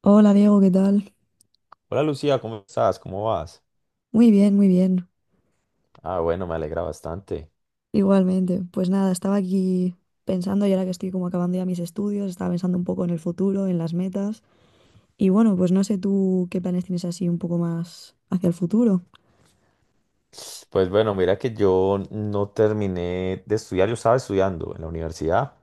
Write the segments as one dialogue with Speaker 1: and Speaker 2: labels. Speaker 1: Hola Diego, ¿qué tal?
Speaker 2: Hola Lucía, ¿cómo estás? ¿Cómo vas?
Speaker 1: Muy bien, muy bien.
Speaker 2: Ah, bueno, me alegra bastante.
Speaker 1: Igualmente. Pues nada, estaba aquí pensando, y ahora que estoy como acabando ya mis estudios, estaba pensando un poco en el futuro, en las metas. Y bueno, pues no sé tú qué planes tienes así un poco más hacia el futuro.
Speaker 2: Pues bueno, mira que yo no terminé de estudiar, yo estaba estudiando en la universidad,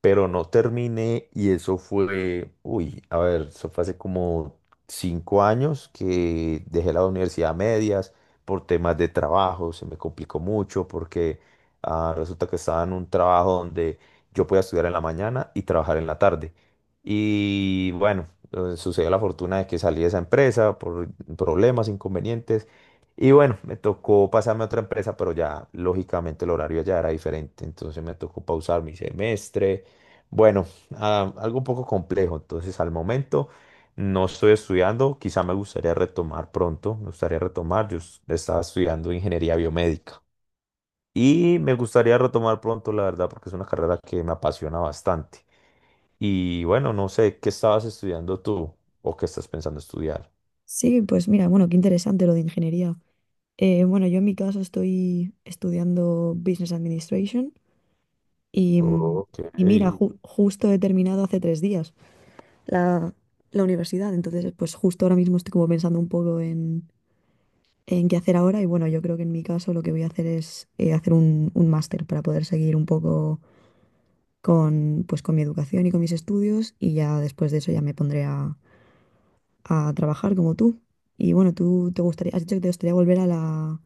Speaker 2: pero no terminé y eso fue, uy, a ver, eso fue hace como 5 años que dejé la universidad a medias por temas de trabajo, se me complicó mucho porque resulta que estaba en un trabajo donde yo podía estudiar en la mañana y trabajar en la tarde. Y bueno, sucedió la fortuna de que salí de esa empresa por problemas, inconvenientes y bueno, me tocó pasarme a otra empresa, pero ya lógicamente el horario ya era diferente, entonces me tocó pausar mi semestre. Bueno, algo un poco complejo, entonces al momento no estoy estudiando, quizá me gustaría retomar pronto, me gustaría retomar, estaba estudiando ingeniería biomédica y me gustaría retomar pronto, la verdad, porque es una carrera que me apasiona bastante. Y bueno, no sé, ¿qué estabas estudiando tú o qué estás pensando estudiar?
Speaker 1: Sí, pues mira, bueno, qué interesante lo de ingeniería. Bueno, yo en mi caso estoy estudiando Business Administration y, mm,
Speaker 2: Ok.
Speaker 1: y mira, justo he terminado hace 3 días la, la, universidad, entonces pues justo ahora mismo estoy como pensando un poco en qué hacer ahora y bueno, yo creo que en mi caso lo que voy a hacer es hacer un máster para poder seguir un poco con mi educación y con mis estudios y ya después de eso ya me pondré a trabajar como tú. Y bueno, tú te gustaría, has dicho que te gustaría volver a la,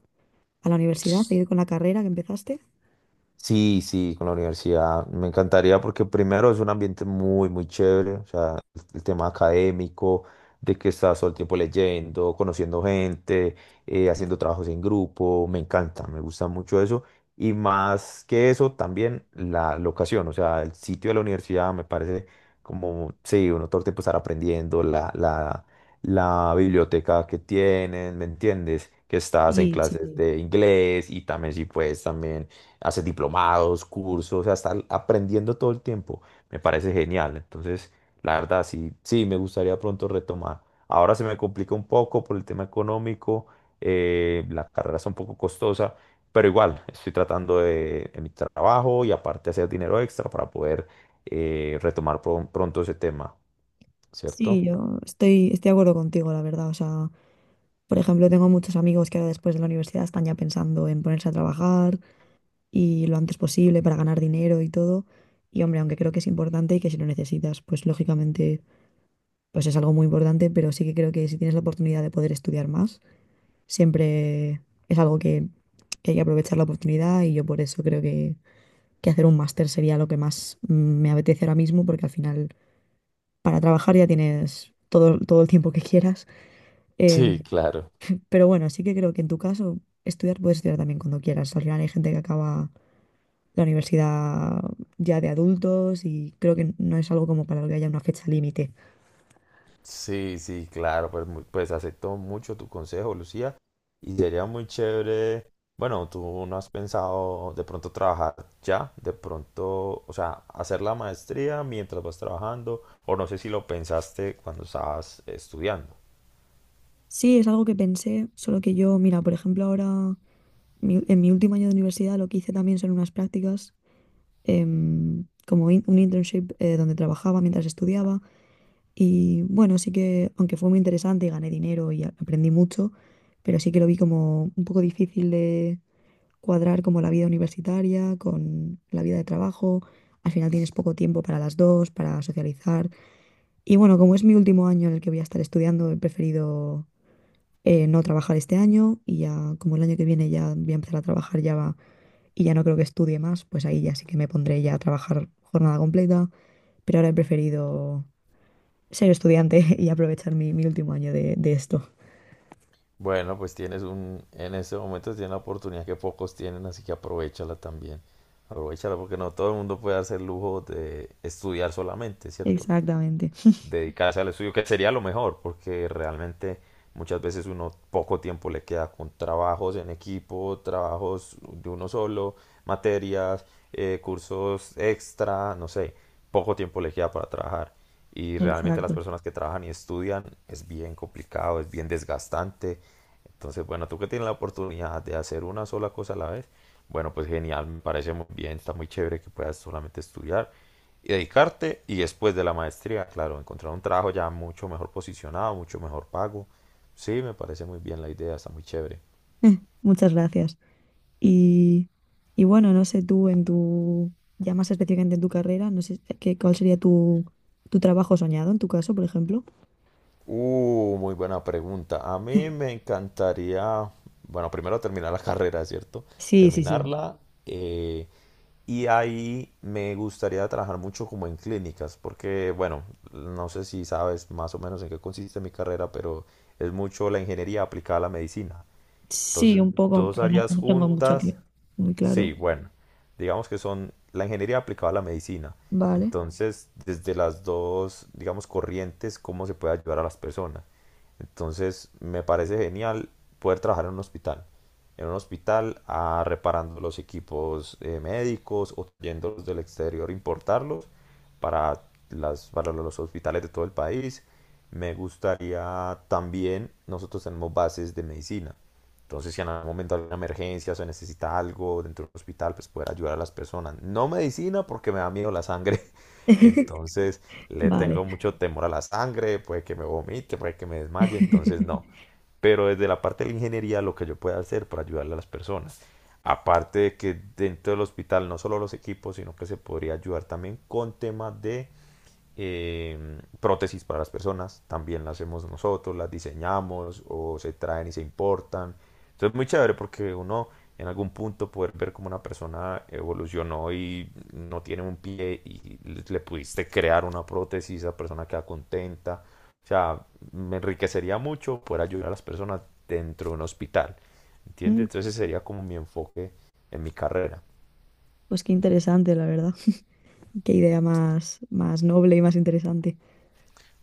Speaker 1: a la universidad, seguir con la carrera que empezaste.
Speaker 2: Sí, sí, con la universidad. Me encantaría porque primero es un ambiente muy, muy chévere, o sea, el tema académico, de que estás todo el tiempo leyendo, conociendo gente, haciendo trabajos en grupo, me encanta, me gusta mucho eso. Y más que eso, también la locación, o sea, el sitio de la universidad me parece como, sí, uno todo el tiempo estar aprendiendo, la biblioteca que tienen, ¿me entiendes? Que estás en
Speaker 1: Sí, sí,
Speaker 2: clases
Speaker 1: sí.
Speaker 2: de inglés y también sí puedes también haces diplomados, cursos, o sea, está aprendiendo todo el tiempo. Me parece genial. Entonces, la verdad, sí, sí, me gustaría pronto retomar. Ahora se me complica un poco por el tema económico, la carrera está un poco costosa, pero igual, estoy tratando de, en mi trabajo y aparte hacer dinero extra para poder retomar pronto ese tema,
Speaker 1: Sí,
Speaker 2: ¿cierto?
Speaker 1: yo estoy de acuerdo contigo, la verdad. O sea, por ejemplo, tengo muchos amigos que ahora después de la universidad están ya pensando en ponerse a trabajar y lo antes posible para ganar dinero y todo. Y hombre, aunque creo que es importante y que si lo necesitas, pues lógicamente pues es algo muy importante, pero sí que creo que si tienes la oportunidad de poder estudiar más, siempre es algo que hay que aprovechar la oportunidad y yo por eso creo que hacer un máster sería lo que más me apetece ahora mismo, porque al final para trabajar ya tienes todo el tiempo que quieras. Em,
Speaker 2: Sí, claro.
Speaker 1: pero bueno, sí que creo que en tu caso estudiar puedes estudiar también cuando quieras. Al final hay gente que acaba la universidad ya de adultos y creo que no es algo como para lo que haya una fecha límite.
Speaker 2: Sí, sí, claro, pues, pues acepto mucho tu consejo, Lucía, y sería muy chévere, bueno, tú no has pensado de pronto trabajar ya, de pronto, o sea, hacer la maestría mientras vas trabajando, o no sé si lo pensaste cuando estabas estudiando.
Speaker 1: Sí, es algo que pensé, solo que yo, mira, por ejemplo, ahora en mi último año de universidad lo que hice también son unas prácticas, como un internship donde trabajaba mientras estudiaba y bueno, sí que aunque fue muy interesante y gané dinero y aprendí mucho, pero sí que lo vi como un poco difícil de cuadrar como la vida universitaria con la vida de trabajo. Al final tienes poco tiempo para las dos, para socializar. Y bueno, como es mi último año en el que voy a estar estudiando, he preferido no trabajar este año y ya como el año que viene ya voy a empezar a trabajar y ya no creo que estudie más, pues ahí ya sí que me pondré ya a trabajar jornada completa, pero ahora he preferido ser estudiante y aprovechar mi, mi último año de, esto.
Speaker 2: Bueno, pues tienes un, en este momento tienes una oportunidad que pocos tienen, así que aprovechala también, aprovechala porque no todo el mundo puede hacer lujo de estudiar solamente, ¿cierto?
Speaker 1: Exactamente,
Speaker 2: Dedicarse al estudio, que sería lo mejor, porque realmente muchas veces uno poco tiempo le queda con trabajos en equipo, trabajos de uno solo, materias, cursos extra, no sé, poco tiempo le queda para trabajar. Y realmente las
Speaker 1: exacto.
Speaker 2: personas que trabajan y estudian es bien complicado, es bien desgastante. Entonces, bueno, tú que tienes la oportunidad de hacer una sola cosa a la vez, bueno, pues genial, me parece muy bien, está muy chévere que puedas solamente estudiar y dedicarte y después de la maestría, claro, encontrar un trabajo ya mucho mejor posicionado, mucho mejor pago. Sí, me parece muy bien la idea, está muy chévere.
Speaker 1: Muchas gracias. Y, y bueno, no sé tú ya más específicamente en tu carrera, no sé cuál sería tu, tu trabajo soñado en tu caso, por ejemplo.
Speaker 2: Muy buena pregunta. A mí me encantaría, bueno, primero terminar la carrera, ¿cierto?
Speaker 1: Sí, sí, sí.
Speaker 2: Terminarla. eh, Y ahí me gustaría trabajar mucho como en clínicas, porque bueno, no sé si sabes más o menos en qué consiste mi carrera, pero es mucho la ingeniería aplicada a la medicina.
Speaker 1: Sí,
Speaker 2: Entonces,
Speaker 1: un poco,
Speaker 2: dos
Speaker 1: pero no,
Speaker 2: áreas
Speaker 1: no tengo mucho aquí.
Speaker 2: juntas.
Speaker 1: Muy claro.
Speaker 2: Sí, bueno, digamos que son la ingeniería aplicada a la medicina.
Speaker 1: Vale.
Speaker 2: Entonces, desde las dos, digamos, corrientes, cómo se puede ayudar a las personas. Entonces, me parece genial poder trabajar en un hospital. En un hospital, ah, reparando los equipos médicos o trayéndolos del exterior, importarlos para para los hospitales de todo el país. Me gustaría también, nosotros tenemos bases de medicina. Entonces, si en algún momento hay una emergencia o se necesita algo dentro del hospital, pues poder ayudar a las personas. No medicina porque me da miedo la sangre. Entonces, le
Speaker 1: Vale.
Speaker 2: tengo mucho temor a la sangre, puede que me vomite, puede que me desmaye, entonces no. Pero desde la parte de la ingeniería, lo que yo pueda hacer para ayudarle a las personas. Aparte de que dentro del hospital no solo los equipos, sino que se podría ayudar también con temas de prótesis para las personas, también las hacemos nosotros, las diseñamos o se traen y se importan. Entonces es muy chévere porque uno en algún punto poder ver cómo una persona evolucionó y no tiene un pie y le pudiste crear una prótesis, esa persona queda contenta. O sea, me enriquecería mucho poder ayudar a las personas dentro de un hospital. ¿Entiendes?
Speaker 1: Mm,
Speaker 2: Entonces ese sería como mi enfoque en mi carrera.
Speaker 1: Pues qué interesante, la verdad. Qué idea más, más noble y más interesante.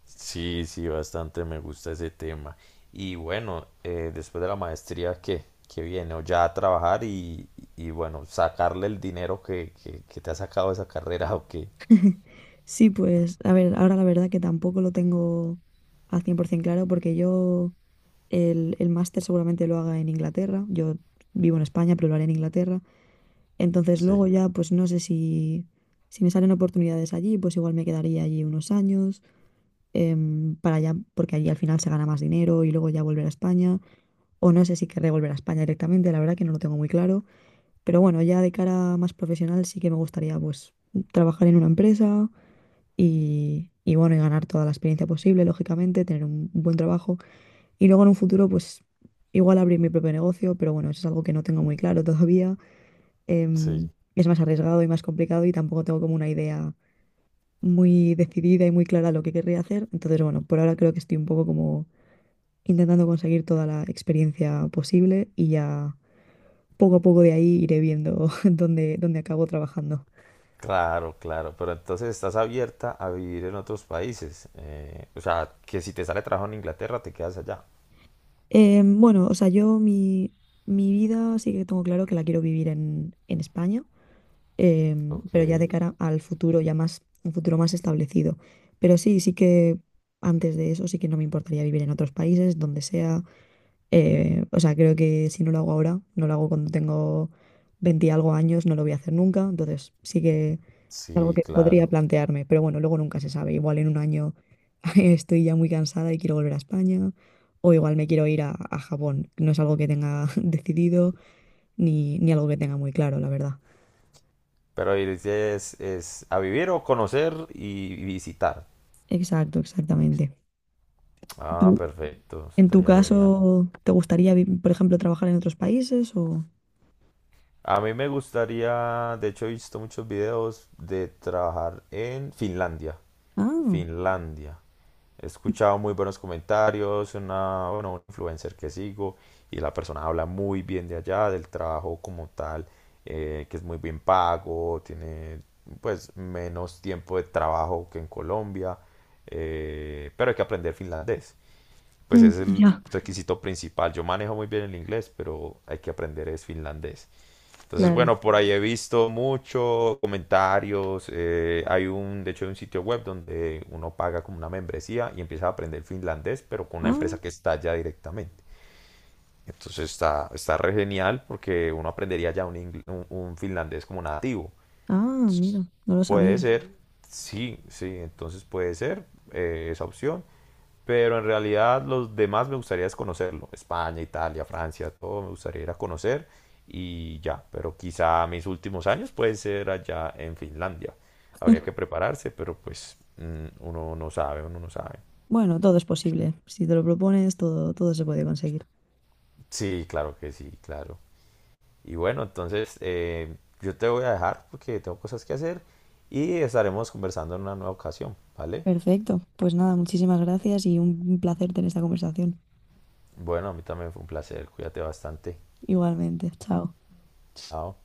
Speaker 2: Sí, sí, bastante me gusta ese tema. Y bueno, después de la maestría, ¿qué? ¿Qué viene? O ya a trabajar y bueno, sacarle el dinero que te ha sacado esa carrera o qué.
Speaker 1: Sí, pues, a ver, ahora la verdad que tampoco lo tengo al 100% claro porque yo el máster seguramente lo haga en Inglaterra. Yo vivo en España, pero lo haré en Inglaterra. Entonces
Speaker 2: Sí,
Speaker 1: luego ya, pues no sé si, si me salen oportunidades allí, pues igual me quedaría allí unos años. Para allá, porque allí al final se gana más dinero y luego ya volver a España. O no sé si querré volver a España directamente, la verdad que no lo tengo muy claro. Pero bueno, ya de cara más profesional sí que me gustaría pues trabajar en una empresa y bueno, y ganar toda la experiencia posible, lógicamente, tener un buen trabajo. Y luego en un futuro pues igual abrir mi propio negocio, pero bueno, eso es algo que no tengo muy claro todavía. Em,
Speaker 2: sí.
Speaker 1: es más arriesgado y más complicado y tampoco tengo como una idea muy decidida y muy clara lo que querría hacer. Entonces, bueno, por ahora creo que estoy un poco como intentando conseguir toda la experiencia posible y ya poco a poco de ahí iré viendo dónde acabo trabajando.
Speaker 2: Claro, claro. Pero entonces estás abierta a vivir en otros países. O sea, que si te sale trabajo en Inglaterra, te quedas allá.
Speaker 1: Bueno, o sea, yo mi, mi vida sí que tengo claro que la quiero vivir en, España, eh,
Speaker 2: Ok,
Speaker 1: pero ya de cara al futuro, ya más, un futuro más establecido. Pero sí, sí que antes de eso sí que no me importaría vivir en otros países, donde sea. O sea, creo que si no lo hago ahora, no lo hago cuando tengo 20 y algo años, no lo voy a hacer nunca. Entonces, sí que algo
Speaker 2: sí,
Speaker 1: que podría
Speaker 2: claro.
Speaker 1: plantearme, pero bueno, luego nunca se sabe. Igual en un año estoy ya muy cansada y quiero volver a España, o igual me quiero ir a, Japón. No es algo que tenga decidido ni algo que tenga muy claro, la verdad.
Speaker 2: ¿Pero y es a vivir o conocer y visitar?
Speaker 1: Exacto, exactamente.
Speaker 2: Ah,
Speaker 1: ¿Tú,
Speaker 2: perfecto,
Speaker 1: en tu
Speaker 2: estaría genial.
Speaker 1: caso, te gustaría, por ejemplo, trabajar en otros países o...?
Speaker 2: A mí me gustaría, de hecho he visto muchos videos de trabajar en Finlandia.
Speaker 1: Ah,
Speaker 2: Finlandia. He escuchado muy buenos comentarios, una, bueno, un influencer que sigo y la persona habla muy bien de allá, del trabajo como tal, que es muy bien pago, tiene pues menos tiempo de trabajo que en Colombia, pero hay que aprender finlandés pues
Speaker 1: mm,
Speaker 2: es el
Speaker 1: ya,
Speaker 2: requisito principal. Yo manejo muy bien el inglés, pero hay que aprender es finlandés. Entonces,
Speaker 1: claro.
Speaker 2: bueno, por ahí he visto mucho comentarios. Hay un, de hecho, hay un sitio web donde uno paga como una membresía y empieza a aprender finlandés, pero con una
Speaker 1: Ah,
Speaker 2: empresa que está allá directamente. Entonces está, está re genial porque uno aprendería ya un, un finlandés como nativo.
Speaker 1: ah, mira, no lo
Speaker 2: Puede
Speaker 1: sabía.
Speaker 2: ser, sí, sí, entonces puede ser esa opción, pero en realidad los demás me gustaría es conocerlo, España, Italia, Francia, todo me gustaría ir a conocer y ya, pero quizá mis últimos años pueden ser allá en Finlandia, habría que prepararse, pero pues uno no sabe, uno no sabe.
Speaker 1: Bueno, todo es posible. Si te lo propones, todo, todo se puede conseguir.
Speaker 2: Sí, claro que sí, claro. Y bueno, entonces yo te voy a dejar porque tengo cosas que hacer y estaremos conversando en una nueva ocasión, ¿vale?
Speaker 1: Perfecto. Pues nada, muchísimas gracias y un placer tener esta conversación.
Speaker 2: Bueno, a mí también fue un placer. Cuídate bastante.
Speaker 1: Igualmente. Chao.
Speaker 2: Chao.